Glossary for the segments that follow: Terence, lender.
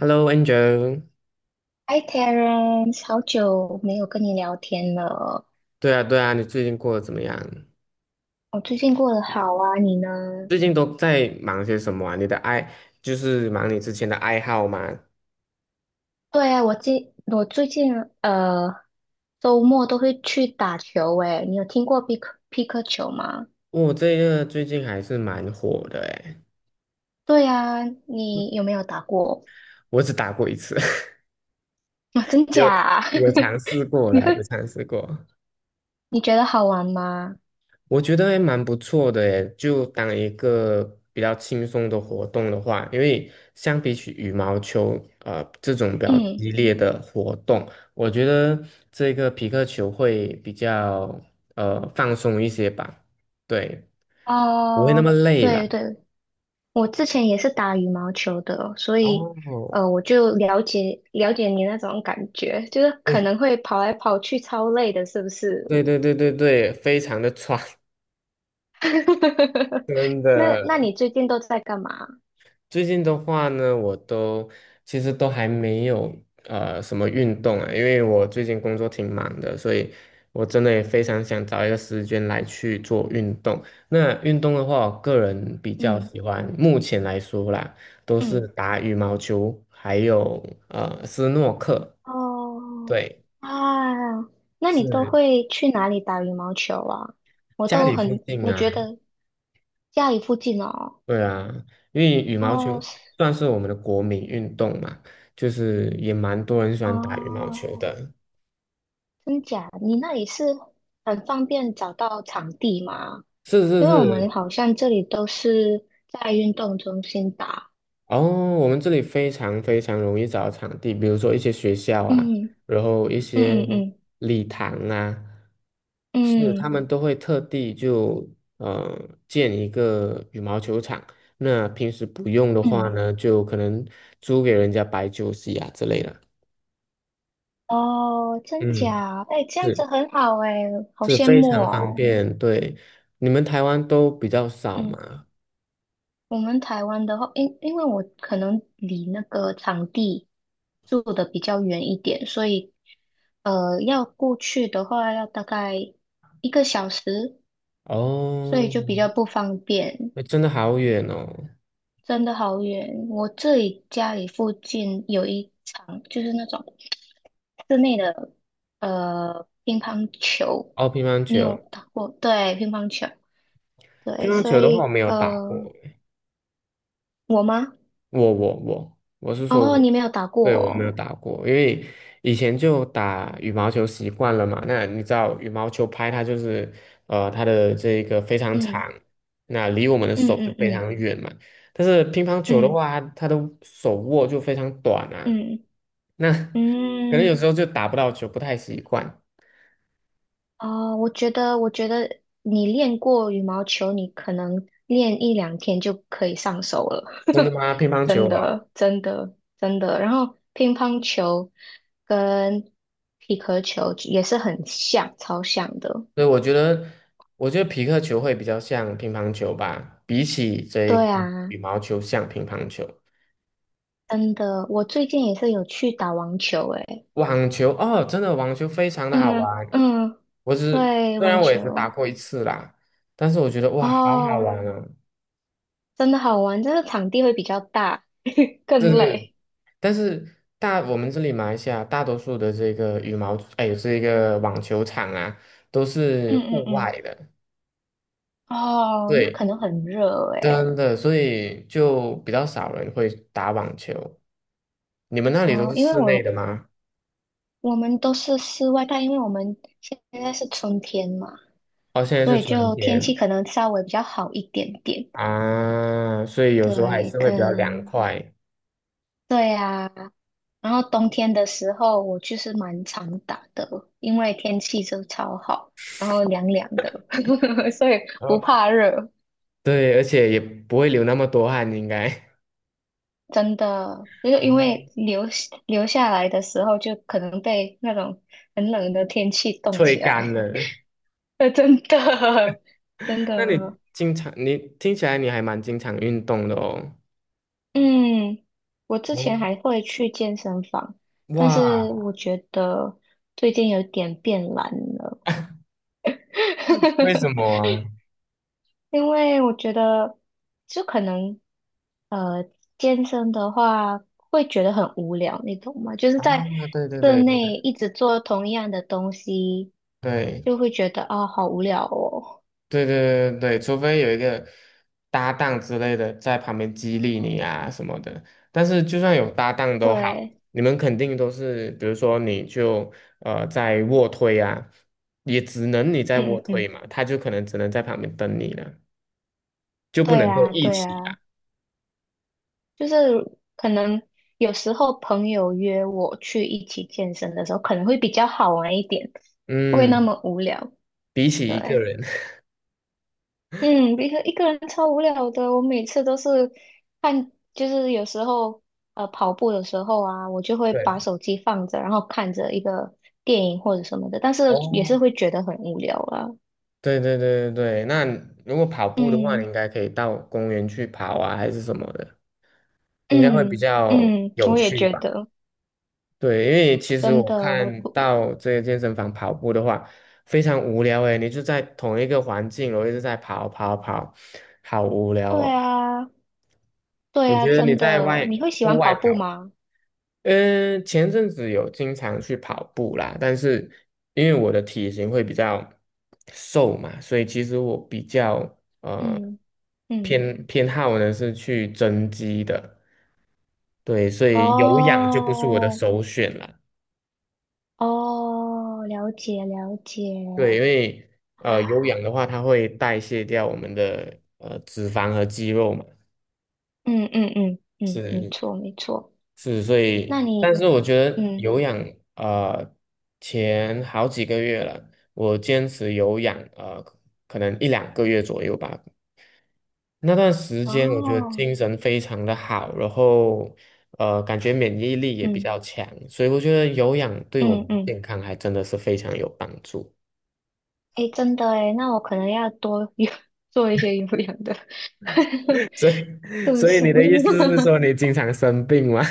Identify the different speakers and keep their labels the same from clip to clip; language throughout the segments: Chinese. Speaker 1: Hello，Angel。
Speaker 2: 嗨，Terence，好久没有跟你聊天了。
Speaker 1: 对啊，对啊，你最近过得怎么样？
Speaker 2: 我最近过得好啊，你呢？
Speaker 1: 最近都在忙些什么啊？你的爱就是忙你之前的爱好吗？
Speaker 2: 对啊，我最近呃周末都会去打球诶，你有听过匹克球吗？
Speaker 1: 这个最近还是蛮火的诶。
Speaker 2: 对啊，你有没有打过？
Speaker 1: 我只打过一次。
Speaker 2: 啊，真
Speaker 1: 有
Speaker 2: 假啊？
Speaker 1: 有尝试 过
Speaker 2: 你
Speaker 1: 啦，有
Speaker 2: 会
Speaker 1: 尝试过。
Speaker 2: 你觉得好玩吗？
Speaker 1: 我觉得还蛮不错的诶，就当一个比较轻松的活动的话，因为相比起羽毛球，这种比较
Speaker 2: 嗯，
Speaker 1: 激烈的活动，我觉得这个皮克球会比较放松一些吧。对，不会那
Speaker 2: 哦、
Speaker 1: 么累
Speaker 2: 对
Speaker 1: 啦。
Speaker 2: 对我之前也是打羽毛球的，所以
Speaker 1: 哦，
Speaker 2: 我就了解了解你那种感觉，就是可能会跑来跑去，超累的，是不是？
Speaker 1: 对对对对对对，非常的喘。真
Speaker 2: 那
Speaker 1: 的。
Speaker 2: 你最近都在干嘛？
Speaker 1: 最近的话呢，其实还没有什么运动啊，因为我最近工作挺忙的，所以我真的也非常想找一个时间来去做运动。那运动的话，我个人比较
Speaker 2: 嗯
Speaker 1: 喜欢，目前来说啦，都是
Speaker 2: 嗯，
Speaker 1: 打羽毛球，还有斯诺克。
Speaker 2: 哦
Speaker 1: 对，
Speaker 2: 啊，那你都
Speaker 1: 是
Speaker 2: 会去哪里打羽毛球啊？我
Speaker 1: 家
Speaker 2: 都
Speaker 1: 里附嗯
Speaker 2: 很，
Speaker 1: 近
Speaker 2: 我觉
Speaker 1: 啊。
Speaker 2: 得家里附近哦，
Speaker 1: 对啊，因为羽毛球
Speaker 2: 哦是
Speaker 1: 算是我们的国民运动嘛，就是也蛮多人喜欢打羽毛球
Speaker 2: 哦，
Speaker 1: 的。
Speaker 2: 真假？你那里是很方便找到场地吗？
Speaker 1: 是是
Speaker 2: 因为我们
Speaker 1: 是。
Speaker 2: 好像这里都是在运动中心打，
Speaker 1: 哦，我们这里非常非常容易找到场地，比如说一些学校啊，
Speaker 2: 嗯
Speaker 1: 然后一
Speaker 2: 嗯嗯
Speaker 1: 些
Speaker 2: 嗯
Speaker 1: 礼堂啊，是他
Speaker 2: 嗯
Speaker 1: 们都会特地就呃建一个羽毛球场。那平时不用的话
Speaker 2: 嗯，
Speaker 1: 呢，就可能租给人家摆酒席啊之类的。
Speaker 2: 哦，真
Speaker 1: 嗯，
Speaker 2: 假？哎，这样子
Speaker 1: 是，
Speaker 2: 很好哎，好
Speaker 1: 是
Speaker 2: 羡
Speaker 1: 非
Speaker 2: 慕
Speaker 1: 常方
Speaker 2: 哦。
Speaker 1: 便。对，你们台湾都比较少
Speaker 2: 嗯，
Speaker 1: 嘛？
Speaker 2: 我们台湾的话，因为我可能离那个场地住的比较远一点，所以要过去的话要大概一个小时，所以
Speaker 1: 哦，
Speaker 2: 就比较不方便。
Speaker 1: 那真的好远哦。
Speaker 2: 真的好远。我这里家里附近有一场，就是那种室内的乒乓球，
Speaker 1: 哦，乒乓
Speaker 2: 你有
Speaker 1: 球。
Speaker 2: 打过？对，乒乓球，
Speaker 1: 乒
Speaker 2: 对，
Speaker 1: 乓
Speaker 2: 所
Speaker 1: 球的话，我
Speaker 2: 以
Speaker 1: 没有打过。
Speaker 2: 我吗？
Speaker 1: 我是说
Speaker 2: 哦，
Speaker 1: 我。
Speaker 2: 你没有打过
Speaker 1: 对，我没有
Speaker 2: 哦
Speaker 1: 打过，因为以前就打羽毛球习惯了嘛。那你知道羽毛球拍它就是它的这个非常
Speaker 2: 嗯
Speaker 1: 长，那离我们的
Speaker 2: 嗯
Speaker 1: 手就
Speaker 2: 嗯
Speaker 1: 非
Speaker 2: 嗯
Speaker 1: 常远嘛。但是乒乓球的
Speaker 2: 嗯
Speaker 1: 话，它的手握就非常短啊，
Speaker 2: 嗯
Speaker 1: 那 可能有
Speaker 2: 嗯，
Speaker 1: 时候就打不到球，不太习惯。
Speaker 2: 哦，我觉得你练过羽毛球，你可能练一两天就可以上手了，
Speaker 1: 真的 吗？乒乓球
Speaker 2: 真
Speaker 1: 啊？
Speaker 2: 的，真的，真的。然后乒乓球跟皮克球也是很像，超像的。
Speaker 1: 所以我觉得，我觉得皮克球会比较像乒乓球吧，比起这
Speaker 2: 对
Speaker 1: 个
Speaker 2: 啊，
Speaker 1: 羽毛球像乒乓球。
Speaker 2: 真的，我最近也是有去打网球，诶，
Speaker 1: 网球哦，真的网球非常的好
Speaker 2: 嗯
Speaker 1: 玩。
Speaker 2: 嗯，
Speaker 1: 我只
Speaker 2: 对，
Speaker 1: 虽然
Speaker 2: 网
Speaker 1: 我也只打
Speaker 2: 球，
Speaker 1: 过一次啦，但是我觉得哇，好好
Speaker 2: 哦，
Speaker 1: 玩哦。
Speaker 2: 真的好玩，这个场地会比较大，
Speaker 1: 这
Speaker 2: 更
Speaker 1: 是，
Speaker 2: 累。
Speaker 1: 但是我们这里马来西亚大多数的这个羽毛，哎，这个网球场啊，都是
Speaker 2: 嗯嗯
Speaker 1: 户
Speaker 2: 嗯。
Speaker 1: 外的。
Speaker 2: 哦，那可
Speaker 1: 对，
Speaker 2: 能很热诶。
Speaker 1: 真的，所以就比较少人会打网球。你们那里都
Speaker 2: 哦，
Speaker 1: 是
Speaker 2: 因为
Speaker 1: 室内
Speaker 2: 我
Speaker 1: 的吗？
Speaker 2: 我们都是室外，但因为我们现在是春天嘛，
Speaker 1: 哦，现在
Speaker 2: 所
Speaker 1: 是
Speaker 2: 以
Speaker 1: 春
Speaker 2: 就天气
Speaker 1: 天
Speaker 2: 可能稍微比较好一点点。
Speaker 1: 啊，所以有时候还
Speaker 2: 对，
Speaker 1: 是会
Speaker 2: 可
Speaker 1: 比较凉
Speaker 2: 能
Speaker 1: 快。
Speaker 2: 对啊。然后冬天的时候，我就是蛮常打的，因为天气就超好，然后凉凉的，所以不
Speaker 1: 呃，
Speaker 2: 怕热。
Speaker 1: 对，而且也不会流那么多汗，应该。
Speaker 2: 真的，就 是因
Speaker 1: 哦，
Speaker 2: 为留下来的时候，就可能被那种很冷的天气冻
Speaker 1: 吹
Speaker 2: 起
Speaker 1: 干
Speaker 2: 来。
Speaker 1: 了。
Speaker 2: 呃，真的，真
Speaker 1: 那你
Speaker 2: 的，
Speaker 1: 经常，你听起来你还蛮经常运动的哦。
Speaker 2: 嗯，我之前
Speaker 1: 哦，
Speaker 2: 还会去健身房，但是
Speaker 1: 哇，
Speaker 2: 我觉得最近有点变懒了，
Speaker 1: 为什么 啊？
Speaker 2: 因为我觉得就可能，呃，健身的话会觉得很无聊，你懂吗？就是
Speaker 1: 啊，
Speaker 2: 在
Speaker 1: 对对
Speaker 2: 室
Speaker 1: 对对对
Speaker 2: 内一直做同样的东西，
Speaker 1: 对，
Speaker 2: 就会觉得啊，好无聊哦。
Speaker 1: 对对对对，除非有一个搭档之类的在旁边激励你啊什么的，但是就算有搭档都好，
Speaker 2: 对，
Speaker 1: 你们肯定都是，比如说你就在卧推啊，也只能你在
Speaker 2: 嗯
Speaker 1: 卧
Speaker 2: 嗯
Speaker 1: 推
Speaker 2: 嗯，
Speaker 1: 嘛，他就可能只能在旁边等你了，就不
Speaker 2: 对
Speaker 1: 能够
Speaker 2: 啊，
Speaker 1: 一
Speaker 2: 对
Speaker 1: 起
Speaker 2: 啊。
Speaker 1: 啦。
Speaker 2: 就是可能有时候朋友约我去一起健身的时候，可能会比较好玩一点，不会那
Speaker 1: 嗯，
Speaker 2: 么无聊。
Speaker 1: 比起一个
Speaker 2: 对，
Speaker 1: 人。
Speaker 2: 嗯，一个人超无聊的，我每次都是看，就是有时候跑步的时候啊，我就 会
Speaker 1: 对。
Speaker 2: 把手机放着，然后看着一个电影或者什么的，但是也是
Speaker 1: 哦，
Speaker 2: 会觉得很无聊啊。
Speaker 1: 对对对对对，那如果跑步的话，你应
Speaker 2: 嗯
Speaker 1: 该可以到公园去跑啊，还是什么的，应该会比
Speaker 2: 嗯
Speaker 1: 较
Speaker 2: 嗯，
Speaker 1: 有
Speaker 2: 我也
Speaker 1: 趣
Speaker 2: 觉
Speaker 1: 吧。
Speaker 2: 得，
Speaker 1: 对，因为其实
Speaker 2: 真
Speaker 1: 我
Speaker 2: 的，
Speaker 1: 看到这个健身房跑步的话，非常无聊诶，你就在同一个环境哦，我一直在跑跑跑，好无聊
Speaker 2: 对
Speaker 1: 哦。
Speaker 2: 啊，对
Speaker 1: 我
Speaker 2: 啊，
Speaker 1: 觉得你
Speaker 2: 真
Speaker 1: 在
Speaker 2: 的，你会喜
Speaker 1: 户
Speaker 2: 欢
Speaker 1: 外
Speaker 2: 跑步
Speaker 1: 跑，
Speaker 2: 吗？
Speaker 1: 前阵子有经常去跑步啦，但是因为我的体型会比较瘦嘛，所以其实我比较
Speaker 2: 嗯嗯，
Speaker 1: 偏好呢是去增肌的。对，所以有氧就不是我的
Speaker 2: 哦
Speaker 1: 首选啦。
Speaker 2: 哦，了解了解
Speaker 1: 对，因为有
Speaker 2: 啊，
Speaker 1: 氧的话，它会代谢掉我们的脂肪和肌肉嘛，
Speaker 2: 嗯嗯嗯嗯，没错没错。
Speaker 1: 是，所
Speaker 2: 那
Speaker 1: 以，但
Speaker 2: 你
Speaker 1: 是我觉得
Speaker 2: 嗯
Speaker 1: 有氧呃前好几个月了，我坚持有氧可能一两个月左右吧，那段时间我觉得
Speaker 2: 哦
Speaker 1: 精神非常的好，然后感觉免疫力也比
Speaker 2: 嗯
Speaker 1: 较强，所以我觉得有氧对我
Speaker 2: 嗯
Speaker 1: 们的
Speaker 2: 嗯，
Speaker 1: 健康还真的是非常有帮。
Speaker 2: 诶，真的诶，那我可能要多有 做一些有氧的，
Speaker 1: 所以，
Speaker 2: 是不
Speaker 1: 所以
Speaker 2: 是？
Speaker 1: 你的意思是 说你经常生病吗？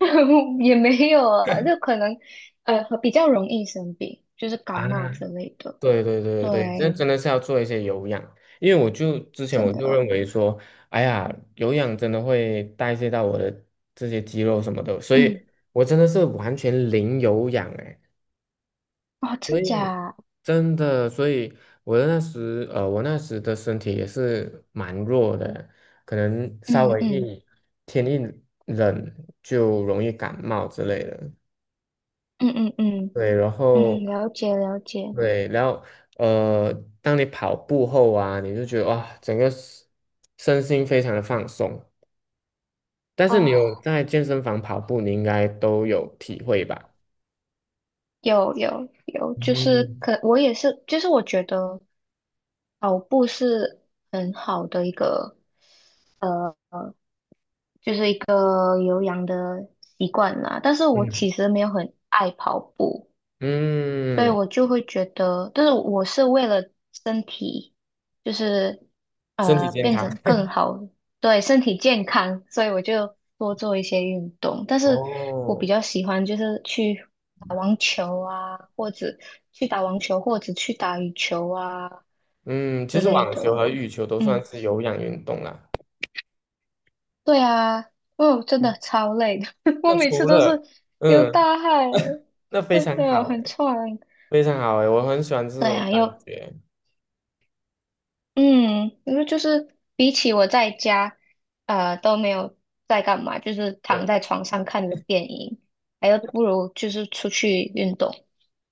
Speaker 2: 也没有啊，就可能比较容易生病，就是 感
Speaker 1: 啊，
Speaker 2: 冒之类的。
Speaker 1: 对对对对，这
Speaker 2: 对，
Speaker 1: 真的是要做一些有氧，因为之前我
Speaker 2: 真的
Speaker 1: 就认
Speaker 2: 哦，
Speaker 1: 为说，哎呀，有氧真的会代谢到我的这些肌肉什么的，所以
Speaker 2: 嗯，
Speaker 1: 我真的是完全零有氧哎，
Speaker 2: 哦，
Speaker 1: 所
Speaker 2: 真
Speaker 1: 以
Speaker 2: 假？
Speaker 1: 真的，所以我那时的身体也是蛮弱的，可能稍
Speaker 2: 嗯
Speaker 1: 微
Speaker 2: 嗯
Speaker 1: 一天一冷就容易感冒之类的。
Speaker 2: 嗯嗯嗯
Speaker 1: 对，然
Speaker 2: 嗯，
Speaker 1: 后
Speaker 2: 了解了解。
Speaker 1: 对，然后呃，当你跑步后啊，你就觉得哇，整个身心非常的放松。但是你
Speaker 2: 哦，
Speaker 1: 有在健身房跑步，你应该都有体会吧？
Speaker 2: 有有有，就是
Speaker 1: 嗯
Speaker 2: 可我也是，就是我觉得跑步是很好的一个，呃，就是一个有氧的习惯啦。但是我
Speaker 1: 嗯
Speaker 2: 其实没有很爱跑步。所以
Speaker 1: 嗯，
Speaker 2: 我就会觉得，但是我是为了身体，就是
Speaker 1: 身体健
Speaker 2: 变
Speaker 1: 康
Speaker 2: 成更好，对身体健康，所以我就多做一些运动。但是我比
Speaker 1: 哦。
Speaker 2: 较喜欢就是去打网球啊，或者去打羽球啊
Speaker 1: 嗯，其
Speaker 2: 之
Speaker 1: 实
Speaker 2: 类
Speaker 1: 网球
Speaker 2: 的。
Speaker 1: 和羽球都算
Speaker 2: 嗯，
Speaker 1: 是有氧运动啦。
Speaker 2: 对啊，哦，真的
Speaker 1: 嗯，
Speaker 2: 超累的，我
Speaker 1: 那
Speaker 2: 每次
Speaker 1: 除
Speaker 2: 都是
Speaker 1: 了，
Speaker 2: 流
Speaker 1: 嗯，
Speaker 2: 大汗，
Speaker 1: 那非
Speaker 2: 真
Speaker 1: 常
Speaker 2: 的
Speaker 1: 好
Speaker 2: 很
Speaker 1: 诶，
Speaker 2: 喘。
Speaker 1: 非常好诶，我很喜欢这
Speaker 2: 对
Speaker 1: 种
Speaker 2: 啊，
Speaker 1: 感
Speaker 2: 又。
Speaker 1: 觉。
Speaker 2: 嗯，因为就是比起我在家，都没有在干嘛，就是躺
Speaker 1: 对。
Speaker 2: 在床上看着电影，还有不如就是出去运动。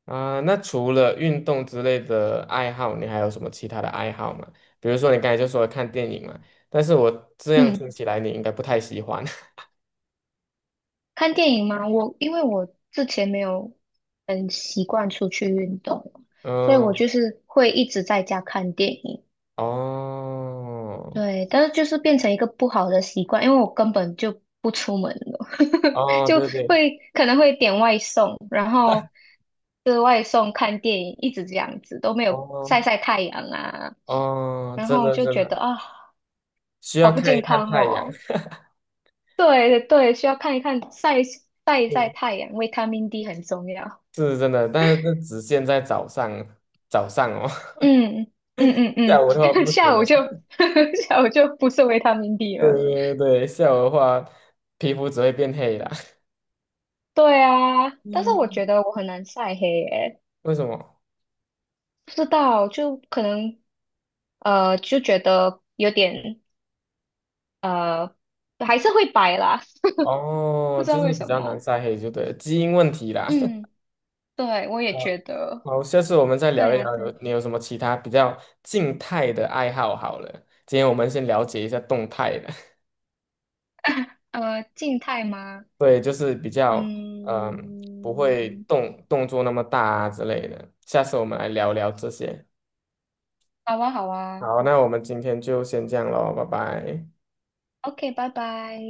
Speaker 1: 啊，那除了运动之类的爱好，你还有什么其他的爱好吗？比如说你刚才就说看电影嘛，但是我这样
Speaker 2: 嗯，
Speaker 1: 听起来你应该不太喜欢。
Speaker 2: 看电影嘛，因为我之前没有很习惯出去运动，所以我
Speaker 1: 嗯，
Speaker 2: 就是会一直在家看电影。
Speaker 1: 哦，
Speaker 2: 对，但是就是变成一个不好的习惯，因为我根本就不出门了，
Speaker 1: 哦，
Speaker 2: 就
Speaker 1: 对对，
Speaker 2: 会可能会点外送，然后吃外送、看电影，一直这样子，都没有晒
Speaker 1: 哦，
Speaker 2: 晒太阳啊，
Speaker 1: 哦，
Speaker 2: 然
Speaker 1: 真
Speaker 2: 后
Speaker 1: 的
Speaker 2: 就
Speaker 1: 真
Speaker 2: 觉得
Speaker 1: 的
Speaker 2: 啊，
Speaker 1: 需要
Speaker 2: 好不
Speaker 1: 看一
Speaker 2: 健
Speaker 1: 看
Speaker 2: 康
Speaker 1: 太阳。
Speaker 2: 哦。对对对，需要看一看晒 晒一晒
Speaker 1: 嗯，
Speaker 2: 太阳，维他命 D 很重要。
Speaker 1: 是真的，但是这只限在早上，早上哦。
Speaker 2: 嗯嗯嗯
Speaker 1: 下午的话
Speaker 2: 嗯，
Speaker 1: 不行
Speaker 2: 下
Speaker 1: 的。
Speaker 2: 午就 下午就不是维他命 D 了。
Speaker 1: 对对对，下午的话皮肤只会变黑的。
Speaker 2: 对啊，但是我
Speaker 1: 嗯，
Speaker 2: 觉得我很难晒黑诶、
Speaker 1: 为什么？
Speaker 2: 不知道，就可能就觉得有点呃还是会白啦，不
Speaker 1: 哦，
Speaker 2: 知
Speaker 1: 就
Speaker 2: 道为
Speaker 1: 是比
Speaker 2: 什
Speaker 1: 较难
Speaker 2: 么。
Speaker 1: 晒黑，就对了，基因问题啦。
Speaker 2: 嗯，对，我也
Speaker 1: 呃
Speaker 2: 觉得，
Speaker 1: 好，下次我们再
Speaker 2: 对
Speaker 1: 聊一
Speaker 2: 呀、
Speaker 1: 聊有，
Speaker 2: 对，
Speaker 1: 你有什么其他比较静态的爱好？好了，今天我们先了解一下动态的。
Speaker 2: 静态吗？
Speaker 1: 对，就是比较嗯、不
Speaker 2: 嗯，
Speaker 1: 会动动作那么大啊之类的。下次我们来聊聊这些。
Speaker 2: 好啊，好啊
Speaker 1: 好，那我们今天就先这样喽，拜拜。
Speaker 2: ，OK，拜拜。